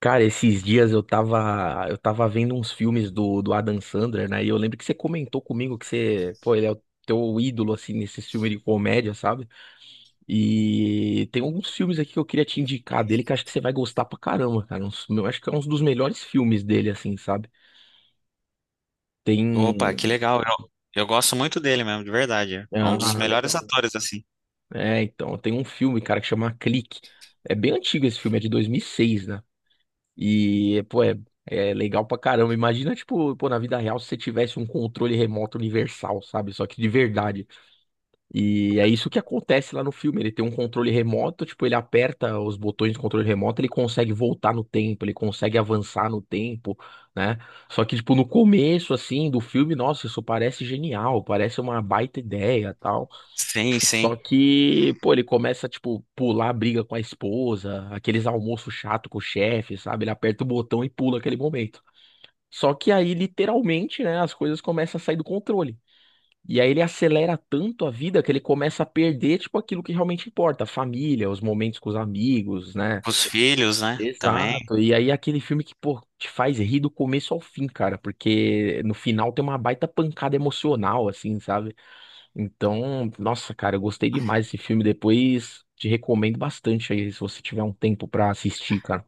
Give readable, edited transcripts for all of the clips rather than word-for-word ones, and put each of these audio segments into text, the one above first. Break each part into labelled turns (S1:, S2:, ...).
S1: Cara, esses dias eu tava vendo uns filmes do Adam Sandler, né? E eu lembro que você comentou comigo que você, pô, ele é o teu ídolo, assim, nesse filme de comédia, sabe? E tem alguns filmes aqui que eu queria te indicar dele que eu acho que você vai gostar pra caramba, cara. Eu acho que é um dos melhores filmes dele, assim, sabe?
S2: Opa,
S1: Tem.
S2: que legal. Eu gosto muito dele mesmo, de verdade. É um dos
S1: Ah,
S2: melhores
S1: legal.
S2: atores, assim.
S1: É, então, tem um filme, cara, que chama Clique. É bem antigo esse filme, é de 2006, né? E, pô, é legal pra caramba. Imagina, tipo, pô, na vida real, se você tivesse um controle remoto universal, sabe? Só que de verdade. E é isso que acontece lá no filme. Ele tem um controle remoto, tipo, ele aperta os botões do controle remoto, ele consegue voltar no tempo, ele consegue avançar no tempo, né? Só que, tipo, no começo, assim, do filme, nossa, isso parece genial, parece uma baita ideia, tal.
S2: Sim, sim.
S1: Só que, pô, ele começa, tipo, pular a briga com a esposa, aqueles almoços chato com o chefe, sabe? Ele aperta o botão e pula aquele momento. Só que aí, literalmente, né, as coisas começam a sair do controle. E aí ele acelera tanto a vida que ele começa a perder, tipo, aquilo que realmente importa, a família, os momentos com os amigos, né?
S2: Os filhos, né? Também.
S1: Exato. E aí aquele filme que, pô, te faz rir do começo ao fim, cara, porque no final tem uma baita pancada emocional, assim, sabe? Então, nossa, cara, eu gostei demais desse filme. Depois te recomendo bastante aí, se você tiver um tempo pra assistir, cara.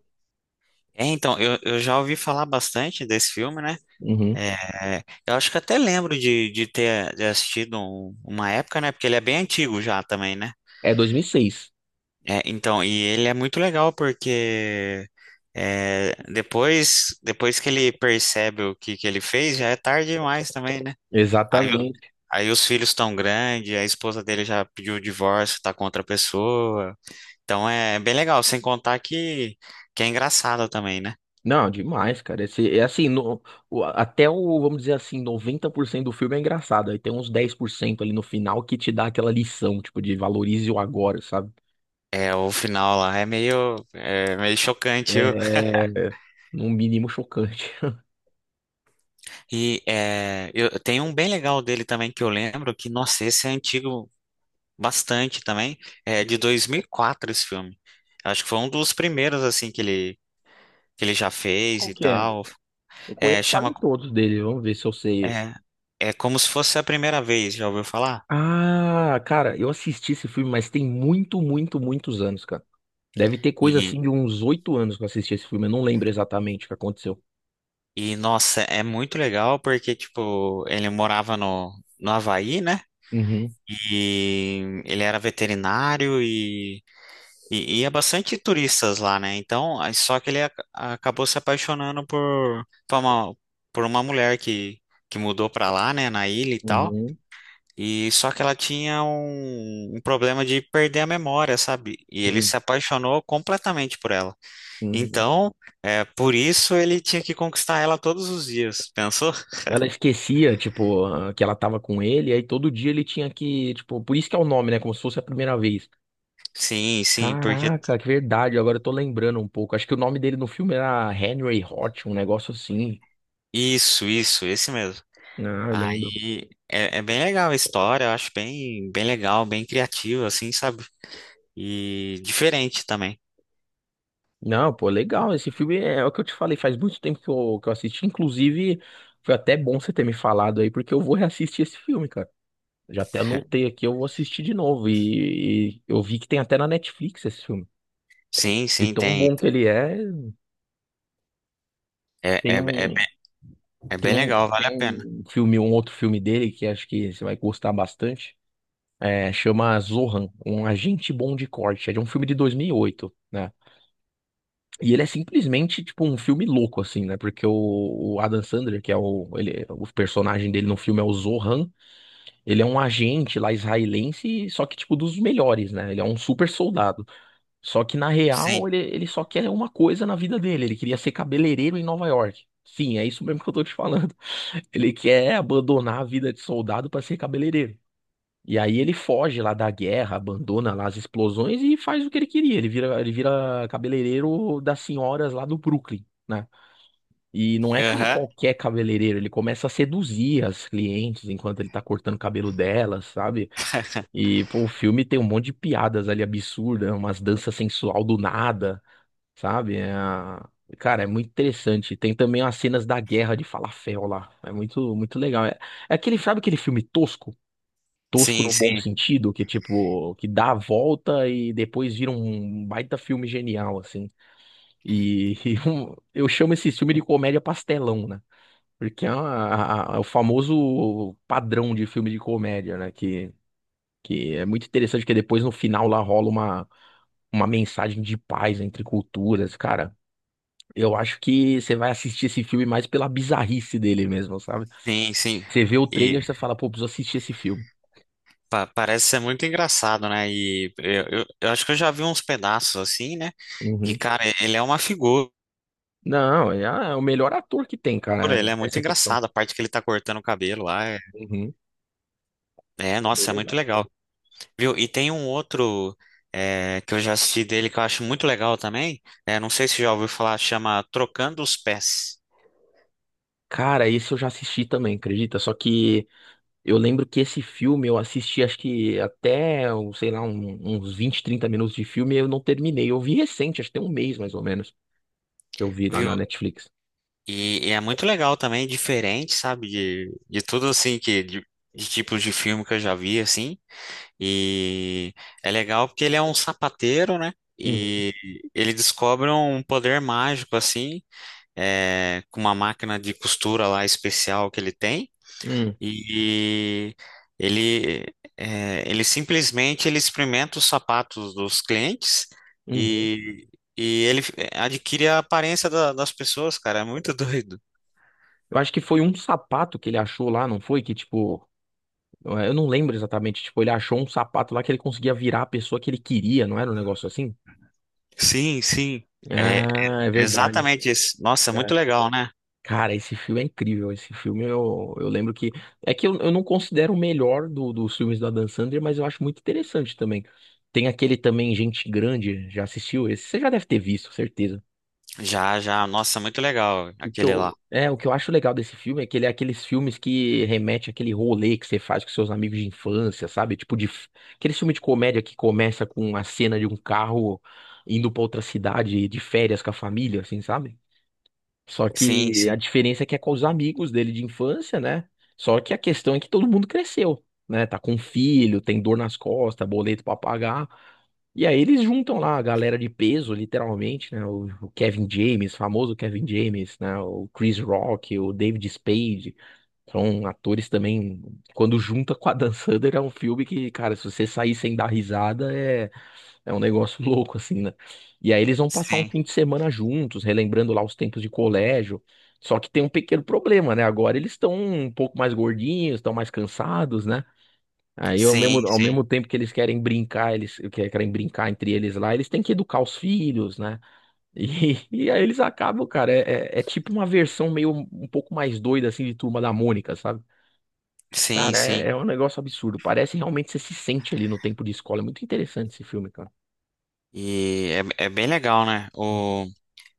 S2: É, então, eu já ouvi falar bastante desse filme, né?
S1: Uhum.
S2: É, eu acho que até lembro de ter assistido uma época, né? Porque ele é bem antigo já também, né?
S1: É 2006.
S2: É, então, e ele é muito legal porque é, depois que ele percebe o que ele fez, já é tarde demais também, né? Aí, o-
S1: Exatamente.
S2: Aí os filhos estão grandes, a esposa dele já pediu o divórcio, tá com outra pessoa. Então é bem legal, sem contar que é engraçado também, né?
S1: Não, demais, cara. Esse, é assim, até o, vamos dizer assim, 90% do filme é engraçado. Aí tem uns 10% ali no final que te dá aquela lição, tipo, de valorize o agora, sabe?
S2: É, o final lá é meio chocante. Eu,
S1: É, no mínimo chocante.
S2: e é, eu, Tem um bem legal dele também que eu lembro, que, nossa, esse é antigo bastante também. É de 2004 esse filme. Acho que foi um dos primeiros, assim, que ele já fez
S1: Qual
S2: e
S1: que é?
S2: tal.
S1: Eu
S2: É,
S1: conheço quase
S2: chama,
S1: todos dele. Vamos ver se eu sei esse.
S2: é, É como se fosse a primeira vez, já ouviu falar?
S1: Ah, cara, eu assisti esse filme, mas tem muito, muito, muitos anos, cara. Deve ter coisa assim de uns 8 anos que eu assisti esse filme. Eu não lembro exatamente o que aconteceu.
S2: E, nossa, é muito legal porque, tipo, ele morava no Havaí, né?
S1: Uhum,
S2: E ele era veterinário e ia bastante turistas lá, né? Então, aí só que ele acabou se apaixonando por uma mulher que mudou pra lá, né? Na ilha e tal.
S1: uhum,
S2: E só que ela tinha um problema de perder a memória, sabe? E ele
S1: uhum,
S2: se apaixonou completamente por ela.
S1: uhum.
S2: Então, é por isso ele tinha que conquistar ela todos os dias. Pensou?
S1: Ela esquecia, tipo, ah, que ela tava com ele, aí todo dia ele tinha que, tipo, por isso que é o nome, né? Como se fosse a primeira vez.
S2: Sim, sim, porque.
S1: Caraca, que verdade, agora eu tô lembrando um pouco. Acho que o nome dele no filme era Henry Hot, um negócio assim.
S2: Isso, esse mesmo.
S1: Ah, eu lembro.
S2: Aí é, é bem legal a história, eu acho bem, bem legal, bem criativa, assim, sabe? E diferente também.
S1: Não, pô, legal. Esse filme é, é o que eu te falei, faz muito tempo que eu assisti. Inclusive, foi até bom você ter me falado aí, porque eu vou reassistir esse filme, cara. Já até anotei aqui, eu vou assistir de novo. E eu vi que tem até na Netflix esse filme.
S2: Sim,
S1: De
S2: sim,
S1: tão
S2: tem.
S1: bom que ele é,
S2: É,
S1: tem
S2: é, é,
S1: um,
S2: bem, É
S1: tem
S2: bem
S1: um,
S2: legal,
S1: tem
S2: vale a pena.
S1: um filme, um outro filme dele que acho que você vai gostar bastante. É, chama Zohan, um agente bom de corte. É de um filme de 2008, né? E ele é simplesmente, tipo, um filme louco, assim, né? Porque o Adam Sandler, que é o, ele, o personagem dele no filme é o Zohan, ele é um agente lá israelense, só que, tipo, dos melhores, né? Ele é um super soldado. Só que, na
S2: Sim.
S1: real, ele só quer uma coisa na vida dele. Ele queria ser cabeleireiro em Nova York. Sim, é isso mesmo que eu tô te falando. Ele quer abandonar a vida de soldado pra ser cabeleireiro. E aí ele foge lá da guerra, abandona lá as explosões e faz o que ele queria. Ele vira cabeleireiro das senhoras lá do Brooklyn, né? E não é
S2: Aham.
S1: qualquer cabeleireiro, ele começa a seduzir as clientes enquanto ele tá cortando o cabelo delas, sabe? E pô, o filme tem um monte de piadas ali absurdas, umas danças sensual do nada, sabe? É, cara, é muito interessante. Tem também as cenas da guerra de falafel lá. É muito, muito legal. É, é aquele, sabe aquele filme tosco? Tosco
S2: Sim,
S1: no bom
S2: sim,
S1: sentido, que tipo, que dá a volta e depois vira um baita filme genial, assim. E, e eu chamo esse filme de comédia pastelão, né? Porque é, é o famoso padrão de filme de comédia, né? Que é muito interessante, porque depois no final lá rola uma mensagem de paz entre culturas, cara. Eu acho que você vai assistir esse filme mais pela bizarrice dele mesmo, sabe?
S2: sim, sim.
S1: Você vê o
S2: E
S1: trailer e você fala, pô, preciso assistir esse filme.
S2: parece ser muito engraçado, né? E eu acho que eu já vi uns pedaços assim, né? E,
S1: Uhum.
S2: cara, ele é uma figura,
S1: Não, é, ah, é o melhor ator que tem, cara,
S2: ele é muito
S1: essa questão.
S2: engraçado. A parte que ele tá cortando o cabelo lá
S1: Uhum, é bem
S2: nossa, é muito
S1: legal.
S2: legal. Viu? E tem um outro é, que eu já assisti dele que eu acho muito legal também. É, não sei se já ouviu falar, chama Trocando os Pés.
S1: Cara, esse eu já assisti também, acredita? Só que eu lembro que esse filme eu assisti, acho que até, um, sei lá, uns 20, 30 minutos de filme e eu não terminei. Eu vi recente, acho que tem um mês mais ou menos, que eu vi lá
S2: Viu?
S1: na Netflix.
S2: E é muito legal também, diferente, sabe? De tudo assim que de tipos de filme que eu já vi, assim. E é legal porque ele é um sapateiro, né?
S1: Uhum,
S2: E ele descobre um poder mágico, assim, é, com uma máquina de costura lá especial que ele tem.
S1: uhum,
S2: E ele, é, ele simplesmente ele experimenta os sapatos dos clientes
S1: uhum.
S2: e, e ele adquire a aparência das pessoas, cara. É muito doido.
S1: Eu acho que foi um sapato que ele achou lá, não foi? Que tipo, eu não lembro exatamente, tipo, ele achou um sapato lá que ele conseguia virar a pessoa que ele queria, não era um negócio assim?
S2: Sim, sim. É
S1: Ah, é verdade.
S2: exatamente isso. Nossa, muito legal, né?
S1: Cara, esse filme é incrível. Esse filme eu lembro que. É que eu não considero o melhor dos filmes da Dan Sandler, mas eu acho muito interessante também. Tem aquele também, Gente Grande, já assistiu esse? Você já deve ter visto, certeza.
S2: Já, já. Nossa, muito legal
S1: O que
S2: aquele lá.
S1: eu, é, o que eu acho legal desse filme é que ele é aqueles filmes que remete àquele rolê que você faz com seus amigos de infância, sabe? Tipo de, aquele filme de comédia que começa com a cena de um carro indo pra outra cidade de férias com a família, assim, sabe? Só
S2: Sim,
S1: que a
S2: sim,
S1: diferença é que é com os amigos dele de infância, né? Só que a questão é que todo mundo cresceu, né? Tá com filho, tem dor nas costas, boleto pra pagar. E aí eles juntam lá a galera de peso, literalmente, né? O Kevin James, famoso Kevin James, né? O Chris Rock, o David Spade. São atores também. Quando junta com a Dan Sandler, é um filme que, cara, se você sair sem dar risada, é um negócio louco, assim, né? E aí eles vão passar um fim
S2: sim,
S1: de semana juntos, relembrando lá os tempos de colégio. Só que tem um pequeno problema, né? Agora eles estão um pouco mais gordinhos, estão mais cansados, né? Aí ao
S2: sim,
S1: mesmo, ao
S2: sim,
S1: mesmo tempo que eles querem brincar, eles querem brincar entre eles lá, eles têm que educar os filhos, né? E, e aí eles acabam, cara, é tipo uma versão meio um pouco mais doida, assim, de Turma da Mônica, sabe?
S2: sim,
S1: Cara, é,
S2: sim.
S1: é um negócio absurdo. Parece realmente que você se sente ali no tempo de escola. É muito interessante esse filme, cara.
S2: E é, é bem legal, né?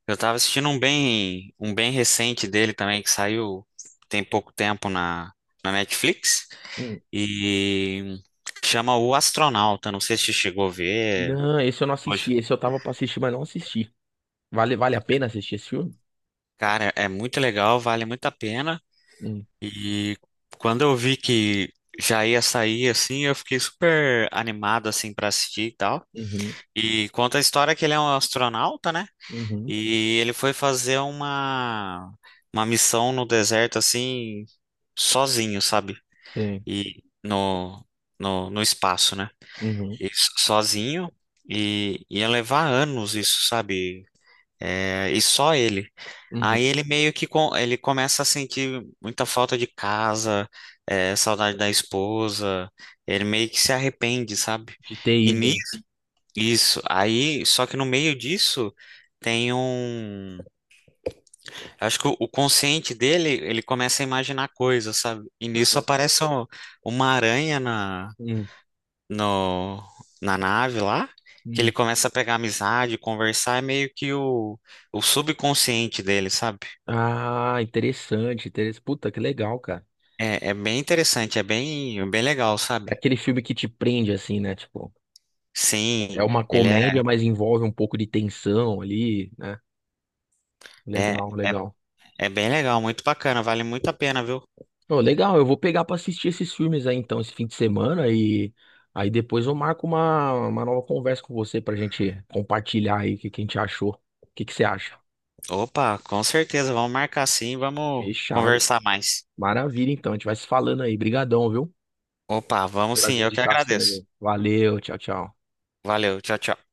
S2: Eu tava assistindo um bem recente dele também, que saiu tem pouco tempo na Netflix,
S1: Uhum.
S2: e chama O Astronauta. Não sei se você chegou a ver.
S1: Não, esse eu não assisti.
S2: Hoje.
S1: Esse eu tava pra assistir, mas não assisti. Vale, vale a pena assistir esse filme?
S2: Cara, é muito legal, vale muito a pena.
S1: Hum,
S2: E quando eu vi que já ia sair, assim, eu fiquei super animado, assim, para assistir e tal.
S1: Uhum,
S2: E conta a história que ele é um astronauta, né?
S1: uhum,
S2: E ele foi fazer uma missão no deserto, assim, sozinho, sabe?
S1: sim,
S2: E no espaço, né?
S1: uhum,
S2: E sozinho. E ia levar anos isso, sabe? É, e só ele. Aí
S1: uhum.
S2: ele meio que com, ele começa a sentir muita falta de casa, é, saudade da esposa. Ele meio que se arrepende, sabe?
S1: De ter
S2: E
S1: ido.
S2: nisso, isso. Aí, só que no meio disso tem um. Acho que o consciente dele, ele começa a imaginar coisas, sabe? E nisso aparece uma aranha na,
S1: Hum,
S2: no, na nave lá, que ele
S1: hum.
S2: começa a pegar amizade, conversar, é meio que o subconsciente dele, sabe?
S1: Ah, interessante, interessante. Puta, que legal, cara.
S2: É, é bem interessante, é bem, bem legal,
S1: É
S2: sabe?
S1: aquele filme que te prende, assim, né? Tipo, é
S2: Sim,
S1: uma
S2: ele
S1: comédia,
S2: é,
S1: mas envolve um pouco de tensão ali, né?
S2: é,
S1: Legal,
S2: é,
S1: legal.
S2: é bem legal, muito bacana, vale muito a pena, viu?
S1: Pô, legal, eu vou pegar pra assistir esses filmes aí então, esse fim de semana e aí depois eu marco uma nova conversa com você pra gente compartilhar aí o que que a gente achou. O que que você acha?
S2: Opa, com certeza, vamos marcar sim, vamos
S1: Fechado.
S2: conversar mais.
S1: Maravilha, então, a gente vai se falando aí. Brigadão, viu?
S2: Opa, vamos
S1: Pelas
S2: sim, eu que agradeço.
S1: indicações. Valeu, tchau, tchau.
S2: Valeu, tchau, tchau.